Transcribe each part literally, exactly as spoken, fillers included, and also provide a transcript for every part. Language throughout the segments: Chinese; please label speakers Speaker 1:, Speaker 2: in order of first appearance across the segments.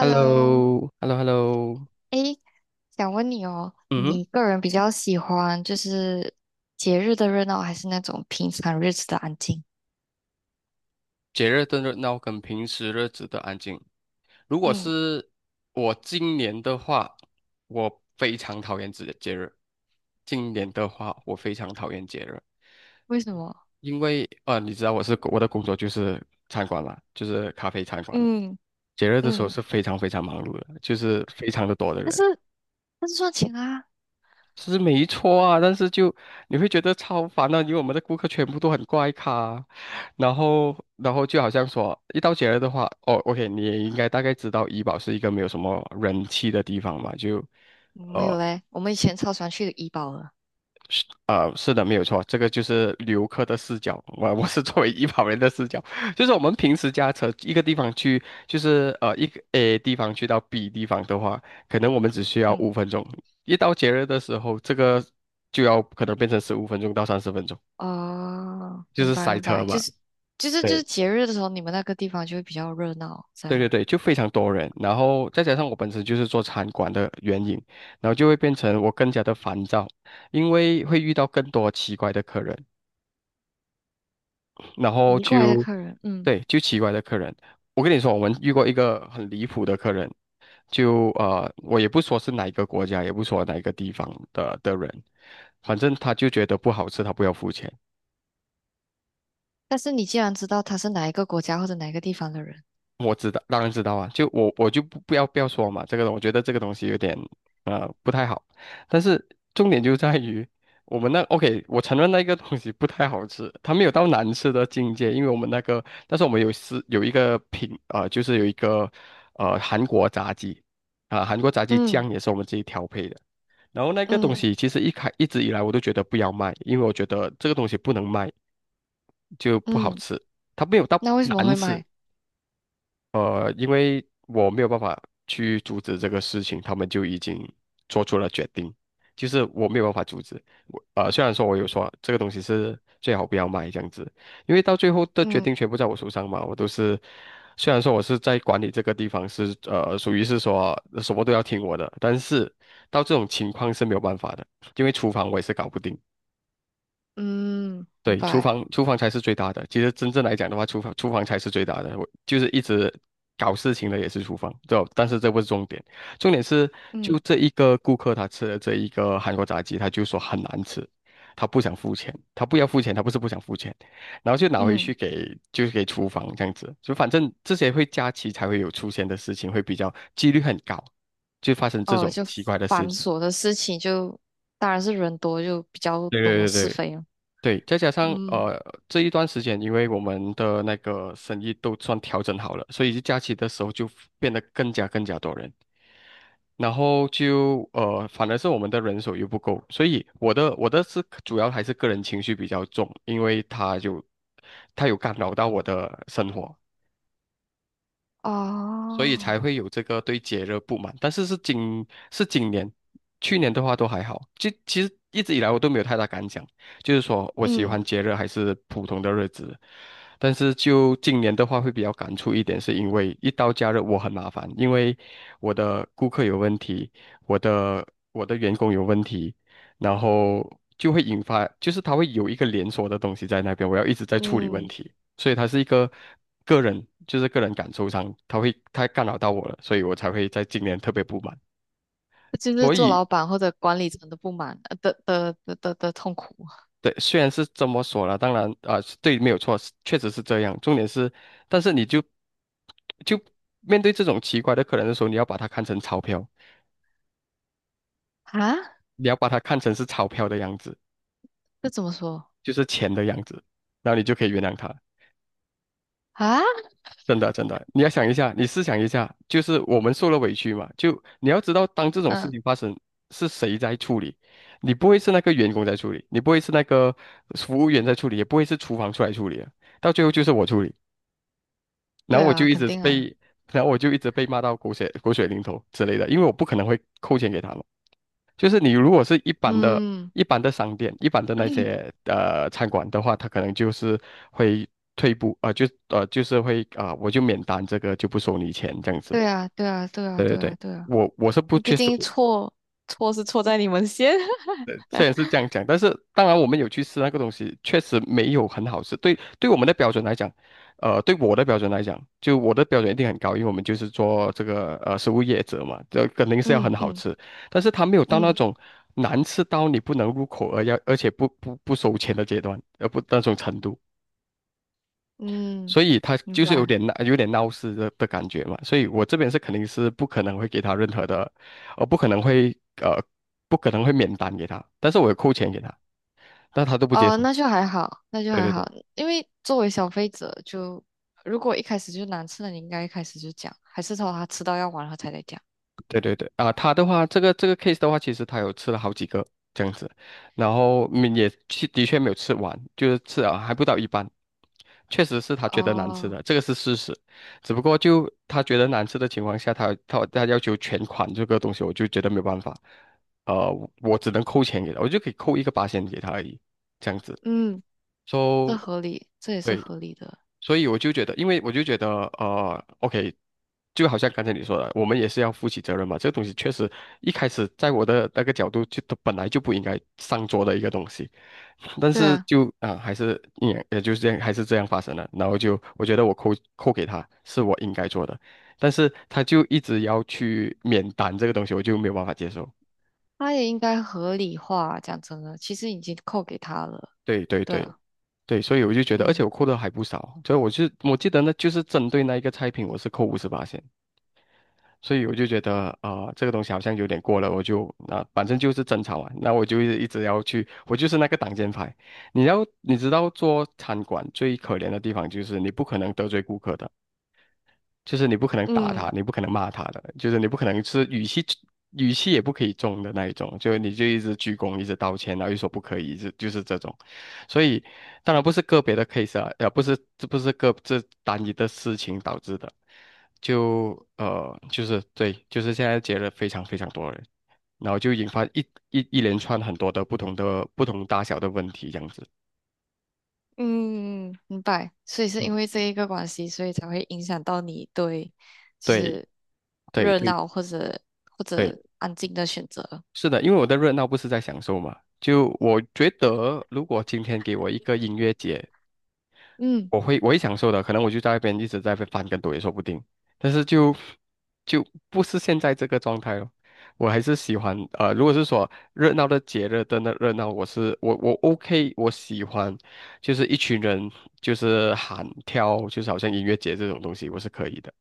Speaker 1: h e l l o h e l l o h e l l o
Speaker 2: 诶，想问你哦，
Speaker 1: 嗯哼，
Speaker 2: 你个人比较喜欢就是节日的热闹，还是那种平常日子的安静？
Speaker 1: 节日的热闹跟平时日子的安静。如果
Speaker 2: 嗯，
Speaker 1: 是我今年的话，我非常讨厌节节日。今年的话，我非常讨厌节日，
Speaker 2: 为什么？
Speaker 1: 因为呃，你知道我是我的工作就是餐馆啦，就是咖啡餐馆了。
Speaker 2: 嗯
Speaker 1: 节日的时候
Speaker 2: 嗯，
Speaker 1: 是非常非常忙碌的，就是非常的多的
Speaker 2: 但
Speaker 1: 人。
Speaker 2: 是但是赚钱啊，
Speaker 1: 是没错啊，但是就你会觉得超烦的，因为我们的顾客全部都很怪咖，然后然后就好像说一到节日的话，哦，OK，你也应该大概知道怡保是一个没有什么人气的地方嘛，就
Speaker 2: 嗯没有
Speaker 1: 呃。
Speaker 2: 嘞，我们以前超喜欢去怡保的。
Speaker 1: 是呃，是的，没有错，这个就是游客的视角。我我是作为医保人的视角，就是我们平时驾车一个地方去，就是呃一个 A 地方去到 B 地方的话，可能我们只需要
Speaker 2: 嗯，
Speaker 1: 五分钟。一到节日的时候，这个就要可能变成十五分钟到三十分钟，
Speaker 2: 哦，
Speaker 1: 就
Speaker 2: 明
Speaker 1: 是
Speaker 2: 白
Speaker 1: 塞
Speaker 2: 明
Speaker 1: 车
Speaker 2: 白，就
Speaker 1: 嘛。
Speaker 2: 是就是就是
Speaker 1: 对，
Speaker 2: 节日的时候，你们那个地方就会比较热闹，这
Speaker 1: 对对
Speaker 2: 样
Speaker 1: 对，就非常多人，然后再加上我本身就是做餐馆的原因，然后就会变成我更加的烦躁，因为会遇到更多奇怪的客人。然后
Speaker 2: 移过来的
Speaker 1: 就
Speaker 2: 客人，嗯，
Speaker 1: 对，就奇怪的客人。我跟你说，我们遇过一个很离谱的客人，就呃，我也不说是哪一个国家，也不说哪一个地方的的人，反正他就觉得不好吃，他不要付钱。
Speaker 2: 但是你既然知道他是哪一个国家或者哪一个地方的人，
Speaker 1: 我知道，当然知道啊，就我我就不不要不要说嘛，这个我觉得这个东西有点呃不太好，但是重点就在于我们那 OK，我承认那个东西不太好吃，它没有到难吃的境界，因为我们那个，但是我们有是有一个品呃，就是有一个呃韩国炸鸡啊、韩国炸鸡
Speaker 2: 嗯
Speaker 1: 酱也是我们自己调配的，然后那个东
Speaker 2: 嗯
Speaker 1: 西其实一开一直以来我都觉得不要卖，因为我觉得这个东西不能卖，就不好
Speaker 2: 嗯，
Speaker 1: 吃，它没有到
Speaker 2: 那为什么
Speaker 1: 难
Speaker 2: 会
Speaker 1: 吃，
Speaker 2: 买？
Speaker 1: 呃，因为我没有办法去阻止这个事情，他们就已经做出了决定，就是我没有办法阻止。我呃，虽然说我有说这个东西是最好不要买这样子，因为到最后的决
Speaker 2: 嗯。
Speaker 1: 定全部在我手上嘛，我都是，虽然说我是在管理这个地方是呃，属于是说什么都要听我的，但是到这种情况是没有办法的，因为厨房我也是搞不定。
Speaker 2: 嗯，明
Speaker 1: 对，厨
Speaker 2: 白。
Speaker 1: 房厨房才是最大的。其实真正来讲的话，厨房厨房才是最大的。我就是一直搞事情的也是厨房，对吧但是这不是重点，重点是就
Speaker 2: 嗯
Speaker 1: 这一个顾客他吃了这一个韩国炸鸡，他就说很难吃，他不想付钱，他不要付钱，他不是不想付钱，然后就拿回去
Speaker 2: 嗯，
Speaker 1: 给就是给厨房这样子，就反正这些会假期才会有出现的事情，会比较几率很高，就发生这
Speaker 2: 哦，
Speaker 1: 种
Speaker 2: 就
Speaker 1: 奇怪的事
Speaker 2: 繁
Speaker 1: 情。
Speaker 2: 琐的事情就，当然是人多就比较
Speaker 1: 对
Speaker 2: 多
Speaker 1: 对对
Speaker 2: 是
Speaker 1: 对。
Speaker 2: 非了。
Speaker 1: 对，再加上
Speaker 2: 嗯，
Speaker 1: 呃这一段时间，因为我们的那个生意都算调整好了，所以假期的时候就变得更加更加多人，然后就呃反而是我们的人手又不够，所以我的我的是主要还是个人情绪比较重，因为他就他有干扰到我的生活，所以
Speaker 2: 哦，
Speaker 1: 才会有这个对节日不满。但是是今是今年，去年的话都还好。就其实一直以来我都没有太大感想，就是说我喜
Speaker 2: 嗯，
Speaker 1: 欢节日还是普通的日子。但是就今年的话会比较感触一点，是因为一到假日我很麻烦，因为我的顾客有问题，我的我的员工有问题，然后就会引发，就是他会有一个连锁的东西在那边，我要一直在处理问
Speaker 2: 嗯，
Speaker 1: 题。所以他是一个个人，就是个人感受上，他会他干扰到我了，所以我才会在今年特别不满。
Speaker 2: 这就是
Speaker 1: 所嗯
Speaker 2: 做
Speaker 1: 以，
Speaker 2: 老板或者管理层的不满呃的的的的的痛苦
Speaker 1: 对，虽然是这么说了，当然啊、是对，没有错，是确实是这样。重点是，但是你就就面对这种奇怪的客人的时候，你要把它看成钞票，
Speaker 2: 啊？
Speaker 1: 你要把它看成是钞票的样子，
Speaker 2: 这怎么说
Speaker 1: 就是钱的样子，然后你就可以原谅他。
Speaker 2: 啊？
Speaker 1: 真的，真的，你要想一下，你思想一下，就是我们受了委屈嘛，就你要知道，当这种事
Speaker 2: 嗯，
Speaker 1: 情发生，是谁在处理？你不会是那个员工在处理，你不会是那个服务员在处理，也不会是厨房出来处理的，到最后就是我处理。然
Speaker 2: 对
Speaker 1: 后我就
Speaker 2: 啊，
Speaker 1: 一
Speaker 2: 肯
Speaker 1: 直
Speaker 2: 定啊。
Speaker 1: 被，然后我就一直被骂到狗血狗血淋头之类的，因为我不可能会扣钱给他们。就是你如果是一般的、
Speaker 2: 嗯，
Speaker 1: 一般的商店、一般的那 些呃餐馆的话，他可能就是会退步啊、呃就呃就是会啊、呃我就免单，这个就不收你钱这样子。
Speaker 2: 对啊，对啊，对啊，
Speaker 1: 对对
Speaker 2: 对
Speaker 1: 对，
Speaker 2: 啊，对啊，
Speaker 1: 我我是
Speaker 2: 因
Speaker 1: 不
Speaker 2: 为毕
Speaker 1: 接受，
Speaker 2: 竟错错是错在你们先。
Speaker 1: 呃，虽然是这样讲，但是当然我们有去吃那个东西，确实没有很好吃。对，对我们的标准来讲，呃，对我的标准来讲，就我的标准一定很高，因为我们就是做这个呃食物业者嘛，这肯定是要很
Speaker 2: 嗯
Speaker 1: 好
Speaker 2: 嗯
Speaker 1: 吃。但是他没有到那
Speaker 2: 嗯
Speaker 1: 种难吃到你不能入口而要，而且不不不收钱的阶段，呃不那种程度，
Speaker 2: 嗯，
Speaker 1: 所以他
Speaker 2: 明
Speaker 1: 就是有
Speaker 2: 白。
Speaker 1: 点闹有点闹事的的感觉嘛。所以我这边是肯定是不可能会给他任何的，呃不可能会呃不可能会免单给他，但是我有扣钱给他。那他都不接
Speaker 2: 哦，
Speaker 1: 受。
Speaker 2: 那就还好，那就
Speaker 1: 对
Speaker 2: 还
Speaker 1: 对
Speaker 2: 好，
Speaker 1: 对
Speaker 2: 因为作为消费者就，如果一开始就难吃了，你应该一开始就讲，还是说他吃到要完了才来讲？
Speaker 1: 对对对啊，他的话，这个这个 case 的话，其实他有吃了好几个这样子，然后嗯也去的确没有吃完，就是吃了还不到一半，确实是他觉得难吃
Speaker 2: 哦，
Speaker 1: 的，这个是事实。只不过就他觉得难吃的情况下，他他他要求全款这个东西，我就觉得没有办法，呃，我只能扣钱给他，我就可以扣一个八千给他而已，这样子。
Speaker 2: 嗯，这
Speaker 1: 说，
Speaker 2: 合理，这也是
Speaker 1: 对，
Speaker 2: 合理的，
Speaker 1: 所以我就觉得，因为我就觉得，呃，OK，就好像刚才你说的，我们也是要负起责任嘛。这个东西确实一开始在我的那个角度就，它本来就不应该上桌的一个东西，但
Speaker 2: 对
Speaker 1: 是
Speaker 2: 啊，
Speaker 1: 就啊、还是也也就是这样，还是这样发生了。然后就我觉得我扣扣给他是我应该做的，但是他就一直要去免单这个东西，我就没有办法接受。
Speaker 2: 他也应该合理化，讲真的，其实已经扣给他了，
Speaker 1: 对对
Speaker 2: 对
Speaker 1: 对
Speaker 2: 啊，
Speaker 1: 对，所以我就觉得，而且
Speaker 2: 嗯
Speaker 1: 我扣的还不少，所以我就我记得呢，就是针对那一个菜品，我是扣五十八。所以我就觉得啊、呃这个东西好像有点过了，我就啊、呃反正就是争吵啊，那我就一直要去，我就是那个挡箭牌。你要你知道做餐馆最可怜的地方就是你不可能得罪顾客的，就是你不可能打他，
Speaker 2: 嗯
Speaker 1: 你不可能骂他的，就是你不可能是语气语气也不可以重的那一种，就你就一直鞠躬，一直道歉，然后又说不可以，就就是这种。所以当然不是个别的 case 啊，呃，不是这不是个这单一的事情导致的，就呃就是对，就是现在结了非常非常多人，然后就引发一一一连串很多的不同的不同大小的问题这样子。
Speaker 2: 嗯，明白，所以是因
Speaker 1: 嗯，
Speaker 2: 为这一个关系，所以才会影响到你对就
Speaker 1: 对
Speaker 2: 是
Speaker 1: 对
Speaker 2: 热
Speaker 1: 对
Speaker 2: 闹或者或
Speaker 1: 对。
Speaker 2: 者安静的选择，
Speaker 1: 是的，因为我的热闹不是在享受嘛。就我觉得，如果今天给我一个音乐节，
Speaker 2: 嗯，
Speaker 1: 我会我会享受的，可能我就在那边一直在那边翻跟斗也说不定。但是就就不是现在这个状态了。我还是喜欢呃，如果是说热闹的节日的那热闹，我是我我 OK，我喜欢就是一群人就是喊跳，就是好像音乐节这种东西，我是可以的。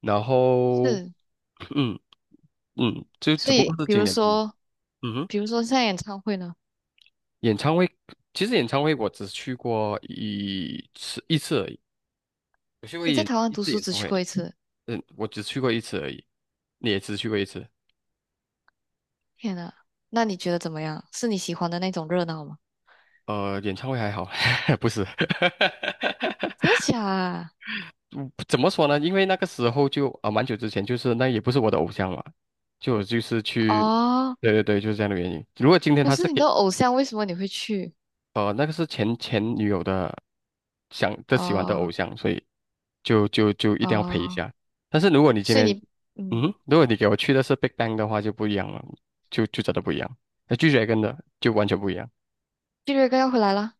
Speaker 1: 然后
Speaker 2: 是。
Speaker 1: 嗯嗯，就只
Speaker 2: 所
Speaker 1: 不过
Speaker 2: 以，
Speaker 1: 是
Speaker 2: 比
Speaker 1: 今
Speaker 2: 如
Speaker 1: 年不一样。
Speaker 2: 说，
Speaker 1: 嗯哼。
Speaker 2: 比如说像演唱会呢，
Speaker 1: 演唱会，其实演唱会我只去过一次一次而已，我去过
Speaker 2: 你在
Speaker 1: 演
Speaker 2: 台湾
Speaker 1: 一
Speaker 2: 读
Speaker 1: 次
Speaker 2: 书
Speaker 1: 演
Speaker 2: 只
Speaker 1: 唱
Speaker 2: 去
Speaker 1: 会，
Speaker 2: 过一次，
Speaker 1: 嗯，我只去过一次而已，你也只去过一次，
Speaker 2: 天呐，那你觉得怎么样？是你喜欢的那种热闹吗？
Speaker 1: 呃，演唱会还好，不是，
Speaker 2: 真的假啊？
Speaker 1: 怎么说呢？因为那个时候就啊、呃蛮久之前，就是那也不是我的偶像嘛，就就是去，
Speaker 2: 哦，
Speaker 1: 对对对，就是这样的原因。如果今天
Speaker 2: 不
Speaker 1: 他
Speaker 2: 是
Speaker 1: 是
Speaker 2: 你
Speaker 1: 给。
Speaker 2: 的偶像，为什么你会去？
Speaker 1: 呃，那个是前前女友的想的喜欢的偶
Speaker 2: 哦
Speaker 1: 像，所以就就就一定要陪一
Speaker 2: 哦，
Speaker 1: 下。但是如果你今
Speaker 2: 所以
Speaker 1: 天，
Speaker 2: 你，
Speaker 1: 嗯
Speaker 2: 嗯，
Speaker 1: 哼，如果你给我去的是 Big Bang 的话，就不一样了，就就真的不一样。那拒绝跟的就完全不一样。
Speaker 2: 毕瑞哥要回来了，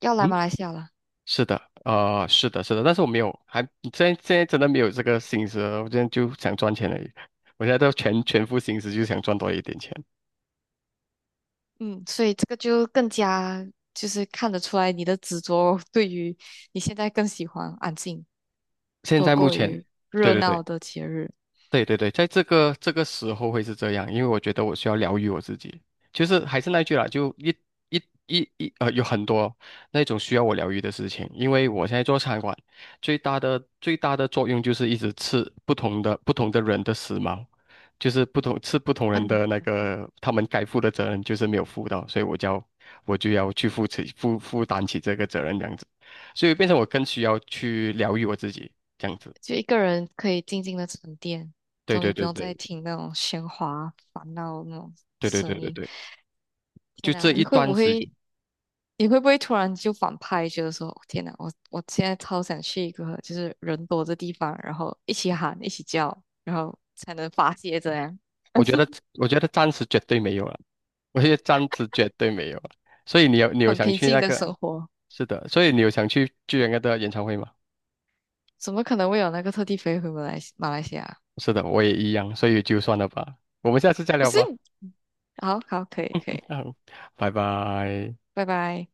Speaker 2: 要
Speaker 1: 嗯，
Speaker 2: 来马来西亚了，
Speaker 1: 是的，呃，是的，是的，但是我没有，还现在现在真的没有这个心思了，我现在就想赚钱而已。我现在都全全副心思，就想赚多一点钱。
Speaker 2: 嗯，所以这个就更加就是看得出来你的执着，对于你现在更喜欢安静
Speaker 1: 现
Speaker 2: 多
Speaker 1: 在目
Speaker 2: 过
Speaker 1: 前，
Speaker 2: 于
Speaker 1: 对
Speaker 2: 热
Speaker 1: 对对。
Speaker 2: 闹的节日。
Speaker 1: 对对对，在这个这个时候会是这样，因为我觉得我需要疗愈我自己。就是还是那句啦，就一一一一呃，有很多那种需要我疗愈的事情。因为我现在做餐馆，最大的最大的作用就是一直吃不同的不同的人的食髦，就是不同吃不同 人
Speaker 2: 嗯。
Speaker 1: 的那个他们该负的责任就是没有负到，所以我就要我就要去负起负负担起这个责任这样子，所以变成我更需要去疗愈我自己这样子。
Speaker 2: 就一个人可以静静的沉淀，
Speaker 1: 对
Speaker 2: 终
Speaker 1: 对
Speaker 2: 于不
Speaker 1: 对
Speaker 2: 用再
Speaker 1: 对
Speaker 2: 听那种喧哗、烦闹那种
Speaker 1: 对对对
Speaker 2: 声
Speaker 1: 对
Speaker 2: 音。
Speaker 1: 对。
Speaker 2: 天
Speaker 1: 就
Speaker 2: 呐，
Speaker 1: 这
Speaker 2: 你
Speaker 1: 一
Speaker 2: 会不
Speaker 1: 段时，
Speaker 2: 会，你会不会突然就反派，觉得说，哦天呐，我我现在超想去一个就是人多的地方，然后一起喊、一起叫，然后才能发泄这样
Speaker 1: 我觉得我觉得暂时绝对没有了，我觉得暂时绝对没有了。所以你有你有
Speaker 2: 很
Speaker 1: 想
Speaker 2: 平
Speaker 1: 去
Speaker 2: 静
Speaker 1: 那
Speaker 2: 的
Speaker 1: 个？
Speaker 2: 生活。
Speaker 1: 是的，所以你有想去巨人哥的演唱会吗？
Speaker 2: 怎么可能会有那个特地飞回马来西马来西亚？
Speaker 1: 是的，我也一样，所以就算了吧，我们下次再
Speaker 2: 不
Speaker 1: 聊
Speaker 2: 是，
Speaker 1: 吧。
Speaker 2: 好好，可以可以，
Speaker 1: 拜拜。
Speaker 2: 拜拜。